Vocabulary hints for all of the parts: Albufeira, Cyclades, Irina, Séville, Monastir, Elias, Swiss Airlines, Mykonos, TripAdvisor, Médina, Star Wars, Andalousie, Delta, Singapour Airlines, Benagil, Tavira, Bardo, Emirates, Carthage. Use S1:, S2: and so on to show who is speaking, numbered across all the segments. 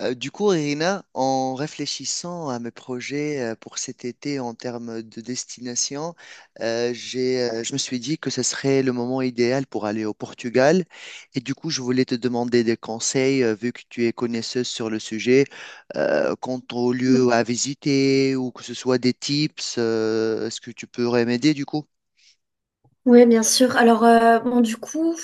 S1: Du coup, Irina, en réfléchissant à mes projets pour cet été en termes de destination, je me suis dit que ce serait le moment idéal pour aller au Portugal. Et du coup, je voulais te demander des conseils, vu que tu es connaisseuse sur le sujet, quant aux lieux à visiter ou que ce soit des tips, est-ce que tu pourrais m'aider du coup?
S2: Oui, bien sûr. Alors, bon, du coup,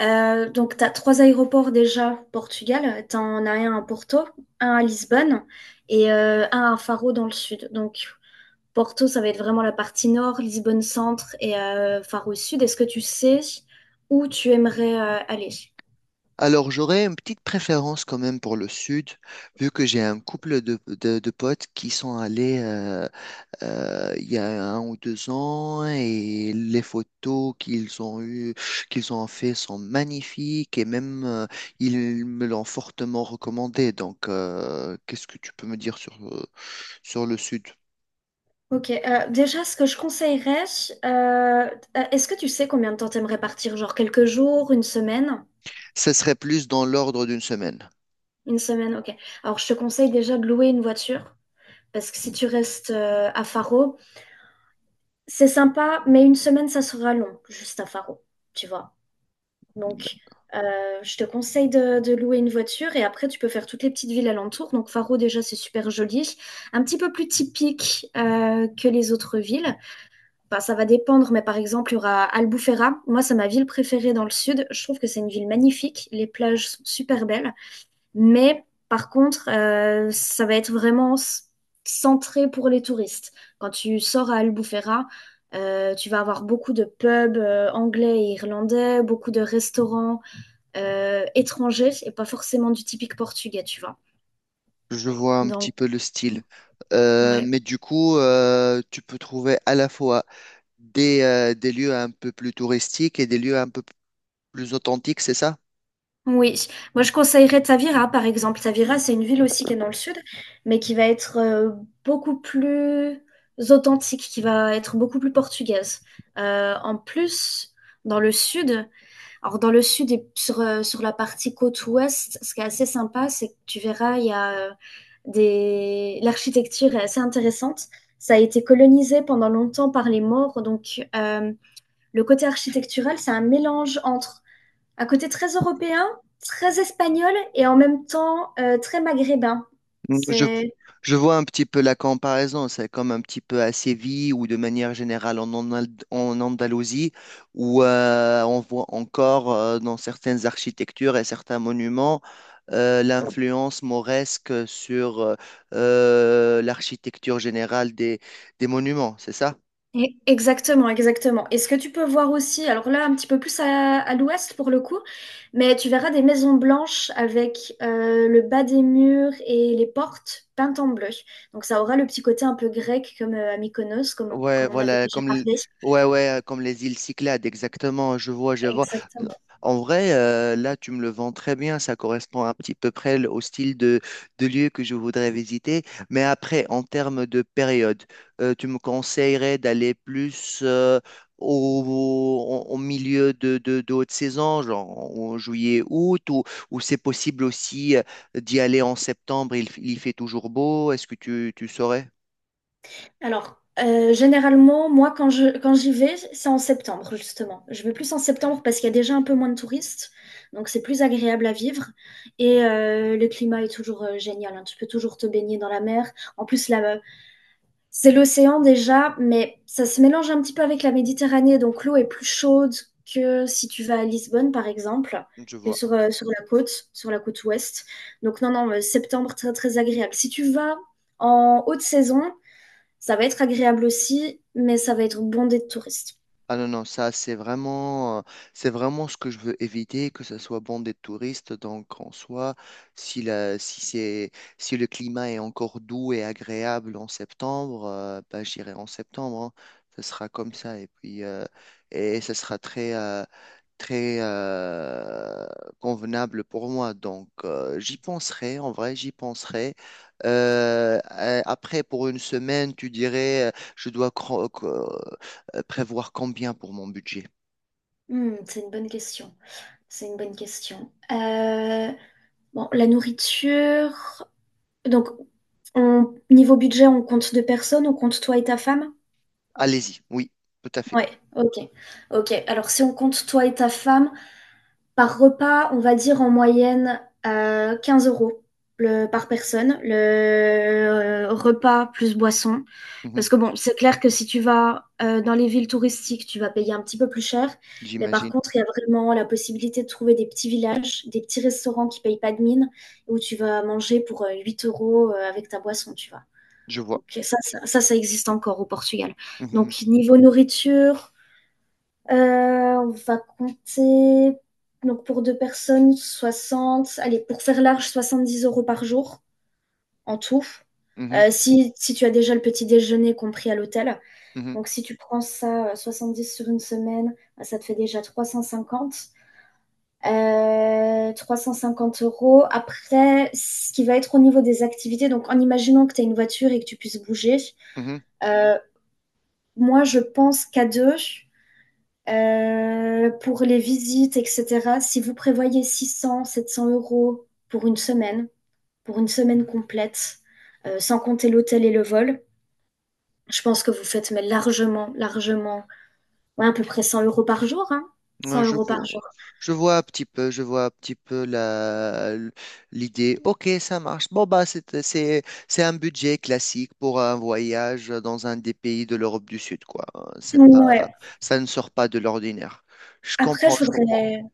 S2: donc, tu as trois aéroports déjà au Portugal. Tu en as un à Porto, un à Lisbonne et un à Faro dans le sud. Donc, Porto, ça va être vraiment la partie nord, Lisbonne centre et Faro sud. Est-ce que tu sais où tu aimerais aller?
S1: Alors, j'aurais une petite préférence quand même pour le sud, vu que j'ai un couple de potes qui sont allés il y a 1 ou 2 ans et les photos qu'ils ont eu, qu'ils ont fait sont magnifiques et même ils me l'ont fortement recommandé. Donc, qu'est-ce que tu peux me dire sur le sud?
S2: Ok, déjà, ce que je conseillerais, euh, est-ce que tu sais combien de temps t'aimerais partir? Genre quelques jours, une semaine?
S1: Ce serait plus dans l'ordre d'une semaine.
S2: Une semaine, ok. Alors, je te conseille déjà de louer une voiture, parce que si tu restes à Faro, c'est sympa, mais une semaine, ça sera long, juste à Faro, tu vois. Donc, euh, je te conseille de louer une voiture et après, tu peux faire toutes les petites villes alentours. Donc, Faro, déjà, c'est super joli. Un petit peu plus typique que les autres villes. Bah ça va dépendre, mais par exemple, il y aura Albufeira. Moi, c'est ma ville préférée dans le sud. Je trouve que c'est une ville magnifique. Les plages sont super belles. Mais par contre, ça va être vraiment centré pour les touristes. Quand tu sors à Albufeira, tu vas avoir beaucoup de pubs anglais et irlandais, beaucoup de restaurants étrangers et pas forcément du typique portugais, tu vois.
S1: Je vois un petit
S2: Donc,
S1: peu le style.
S2: ouais.
S1: Mais du coup, tu peux trouver à la fois des lieux un peu plus touristiques et des lieux un peu plus authentiques, c'est ça?
S2: Oui, moi je conseillerais Tavira par exemple. Tavira, c'est une ville aussi qui est dans le sud, mais qui va être beaucoup plus authentique, qui va être beaucoup plus portugaise. En plus, dans le sud. Alors dans le sud et sur la partie côte ouest, ce qui est assez sympa, c'est que tu verras, il y a des... l'architecture est assez intéressante. Ça a été colonisé pendant longtemps par les Maures, donc le côté architectural, c'est un mélange entre un côté très européen, très espagnol et en même temps très maghrébin.
S1: Mm, Je, je vois un petit peu la comparaison, c'est comme un petit peu à Séville ou de manière générale en Andalousie, où on voit encore dans certaines architectures et certains monuments l'influence mauresque sur l'architecture générale des monuments, c'est ça?
S2: Exactement, exactement. Et ce que tu peux voir aussi, alors là, un petit peu plus à l'ouest pour le coup, mais tu verras des maisons blanches avec le bas des murs et les portes peintes en bleu. Donc ça aura le petit côté un peu grec comme à Mykonos, comme,
S1: Ouais,
S2: comme on avait
S1: voilà,
S2: déjà parlé.
S1: ouais, ouais, comme les îles Cyclades, exactement, je vois, je vois.
S2: Exactement.
S1: En vrai, là, tu me le vends très bien, ça correspond à petit peu près au style de lieu que je voudrais visiter. Mais après, en termes de période, tu me conseillerais d'aller plus au, au milieu de haute saison, genre en juillet, août, ou c'est possible aussi d'y aller en septembre, il fait toujours beau, est-ce que tu saurais?
S2: Alors, généralement, moi, quand j'y vais, c'est en septembre, justement. Je vais plus en septembre parce qu'il y a déjà un peu moins de touristes, donc c'est plus agréable à vivre. Et le climat est toujours génial, hein. Tu peux toujours te baigner dans la mer. En plus, là, c'est l'océan déjà, mais ça se mélange un petit peu avec la Méditerranée, donc l'eau est plus chaude que si tu vas à Lisbonne, par exemple,
S1: Je
S2: que
S1: vois.
S2: sur la côte ouest. Donc non, non, septembre, très, très agréable. Si tu vas en haute saison, ça va être agréable aussi, mais ça va être bondé de touristes.
S1: Ah non, non, ça c'est vraiment ce que je veux éviter, que ce soit bon des touristes. Donc en soi, si, la, si, c'est, si le climat est encore doux et agréable en septembre, bah, j'irai en septembre, hein. Ce sera comme ça. Et puis, et ce sera très convenable pour moi. Donc j'y penserai, en vrai, j'y penserai. Après, pour une semaine, tu dirais, je dois prévoir combien pour mon budget?
S2: C'est une bonne question. C'est une bonne question. Bon, la nourriture. Donc, niveau budget, on compte deux personnes, on compte toi et ta femme?
S1: Allez-y, oui, tout à fait.
S2: Ouais, ok. Ok. Alors, si on compte toi et ta femme, par repas, on va dire en moyenne 15 € par personne, le repas plus boisson.
S1: Mhm.
S2: Parce que bon, c'est clair que si tu vas dans les villes touristiques, tu vas payer un petit peu plus cher. Mais par
S1: J'imagine,
S2: contre, il y a vraiment la possibilité de trouver des petits villages, des petits restaurants qui payent pas de mine, où tu vas manger pour 8 € avec ta boisson, tu vois.
S1: je vois.
S2: Donc ça existe encore au Portugal.
S1: Mhm,
S2: Donc niveau nourriture, euh, on va compter, donc pour deux personnes, 60. Allez, pour faire large, 70 € par jour en tout.
S1: mhm,
S2: Si tu as déjà le petit déjeuner compris à l'hôtel.
S1: mhm,
S2: Donc si tu prends ça, dix sur une semaine, bah, ça te fait déjà 350. Trois cent cinquante euros. Après, ce qui va être au niveau des activités, donc en imaginant que tu as une voiture et que tu puisses bouger,
S1: mhm.
S2: euh, moi je pense qu'à deux. Pour les visites, etc., si vous prévoyez 600, 700 € pour une semaine complète, sans compter l'hôtel et le vol, je pense que vous faites mais largement, largement, ouais, à peu près 100 € par jour, hein, 100
S1: Ouais, je
S2: euros par
S1: vois,
S2: jour.
S1: je vois un petit peu, je vois un petit peu l'idée. Ok, ça marche. Bon, bah, c'est un budget classique pour un voyage dans un des pays de l'Europe du Sud, quoi. C'est pas,
S2: Ouais.
S1: ça ne sort pas de l'ordinaire. Je
S2: Après,
S1: comprends, je comprends.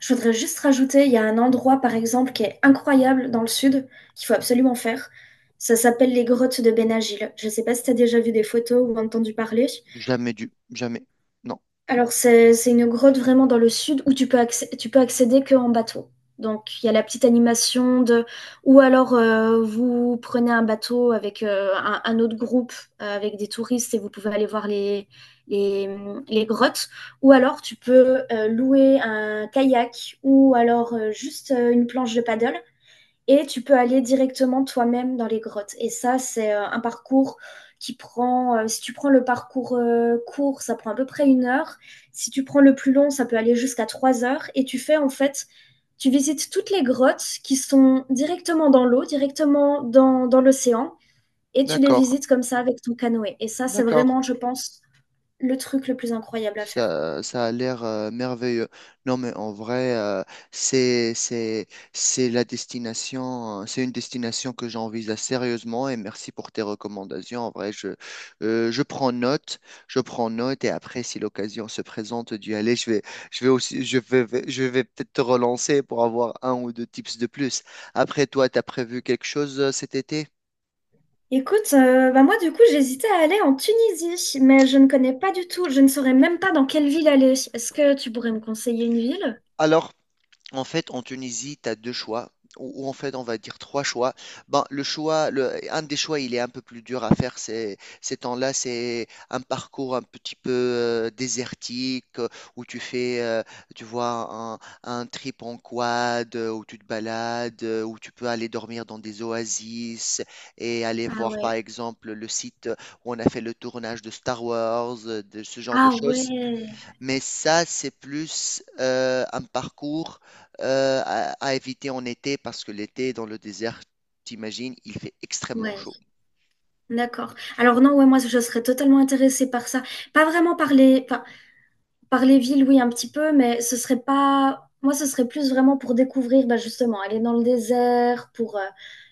S2: je voudrais juste rajouter, il y a un endroit, par exemple, qui est incroyable dans le sud, qu'il faut absolument faire. Ça s'appelle les grottes de Benagil. Je ne sais pas si tu as déjà vu des photos ou entendu parler.
S1: Jamais dû, jamais. Non.
S2: Alors, c'est une grotte vraiment dans le sud où tu peux accéder qu'en bateau. Donc, il y a la petite animation de. Ou alors, vous prenez un bateau avec un autre groupe, avec des touristes, et vous pouvez aller voir les, les grottes. Ou alors, tu peux louer un kayak, ou alors juste une planche de paddle. Et tu peux aller directement toi-même dans les grottes. Et ça, c'est un parcours qui prend, si tu prends le parcours court, ça prend à peu près une heure. Si tu prends le plus long, ça peut aller jusqu'à 3 heures. Et tu fais en fait, tu visites toutes les grottes qui sont directement dans l'eau, directement dans l'océan. Et tu les
S1: D'accord,
S2: visites comme ça avec ton canoë. Et ça, c'est
S1: d'accord.
S2: vraiment, je pense, le truc le plus incroyable à faire.
S1: Ça a l'air merveilleux. Non, mais en vrai, c'est, c'est, c'est la destination, c'est une destination que j'envisage sérieusement et merci pour tes recommandations. En vrai, je prends note, je prends note et après, si l'occasion se présente d'y aller, je vais aussi, je vais peut-être te relancer pour avoir un ou deux tips de plus. Après, toi, tu as prévu quelque chose cet été?
S2: Écoute, bah moi du coup j'hésitais à aller en Tunisie, mais je ne connais pas du tout, je ne saurais même pas dans quelle ville aller. Est-ce que tu pourrais me conseiller une ville?
S1: Alors, en fait, en Tunisie, tu as deux choix, ou en fait, on va dire trois choix. Ben, un des choix, il est un peu plus dur à faire ces temps-là. C'est un parcours un petit peu désertique, où tu vois, un trip en quad, où tu te balades, où tu peux aller dormir dans des oasis et aller
S2: Ah
S1: voir, par
S2: ouais.
S1: exemple, le site où on a fait le tournage de Star Wars, de ce genre de
S2: Ah
S1: choses.
S2: ouais.
S1: Mais ça, c'est plus un parcours à éviter en été parce que l'été dans le désert, t'imagines, il fait extrêmement
S2: Ouais,
S1: chaud.
S2: d'accord. Alors non, ouais, moi je serais totalement intéressée par ça. Pas vraiment par enfin, par les villes, oui, un petit peu, mais ce serait pas. Moi, ce serait plus vraiment pour découvrir, bah justement, aller dans le désert, pour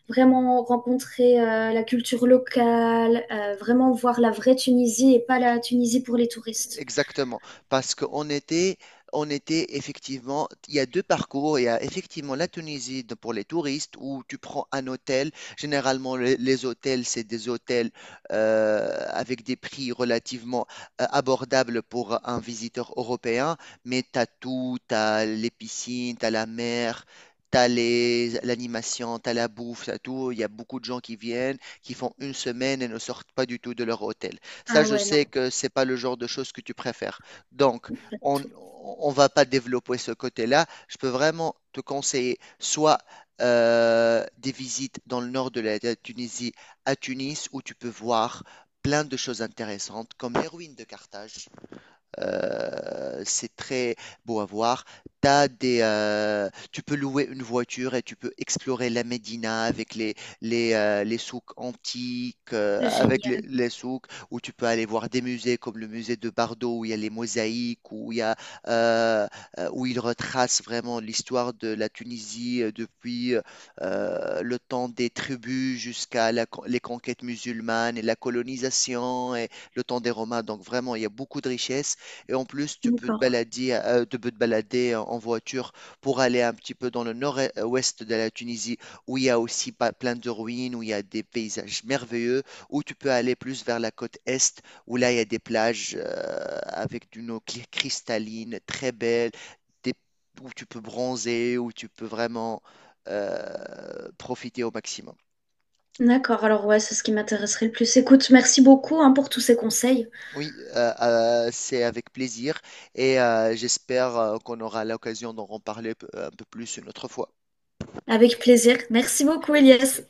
S2: vraiment rencontrer la culture locale, vraiment voir la vraie Tunisie et pas la Tunisie pour les touristes.
S1: Exactement, parce qu'on était effectivement, il y a 2 parcours, il y a effectivement la Tunisie pour les touristes où tu prends un hôtel, généralement les hôtels, c'est des hôtels avec des prix relativement abordables pour un visiteur européen, mais tu as tout, tu as les piscines, tu as la mer. T'as l'animation, t'as la bouffe, t'as tout. Il y a beaucoup de gens qui viennent, qui font une semaine et ne sortent pas du tout de leur hôtel. Ça,
S2: Ah
S1: je
S2: ouais, non,
S1: sais que c'est pas le genre de choses que tu préfères. Donc,
S2: pas du
S1: on
S2: tout.
S1: on va pas développer ce côté-là. Je peux vraiment te conseiller soit des visites dans le nord de la Tunisie, à Tunis, où tu peux voir plein de choses intéressantes, comme les ruines de Carthage. C'est très beau à voir. Tu peux louer une voiture et tu peux explorer la Médina avec les souks antiques, avec les,
S2: Génial.
S1: les souks où tu peux aller voir des musées comme le musée de Bardo où il y a les mosaïques, euh, où il retrace vraiment l'histoire de la Tunisie depuis le temps des tribus jusqu'à les conquêtes musulmanes et la colonisation et le temps des Romains. Donc vraiment, il y a beaucoup de richesses. Et en plus, tu peux te
S2: D'accord.
S1: balader, tu peux te balader en voiture pour aller un petit peu dans le nord-ouest de la Tunisie, où il y a aussi plein de ruines, où il y a des paysages merveilleux, où tu peux aller plus vers la côte est, où là, il y a des plages avec d'une eau cristalline, très belle, des- où tu peux bronzer, où tu peux vraiment profiter au maximum.
S2: D'accord. Alors ouais, c'est ce qui m'intéresserait le plus. Écoute, merci beaucoup hein, pour tous ces conseils.
S1: Oui, c'est avec plaisir et j'espère qu'on aura l'occasion d'en reparler un peu plus une autre fois.
S2: Avec plaisir. Merci beaucoup, Elias.
S1: Merci.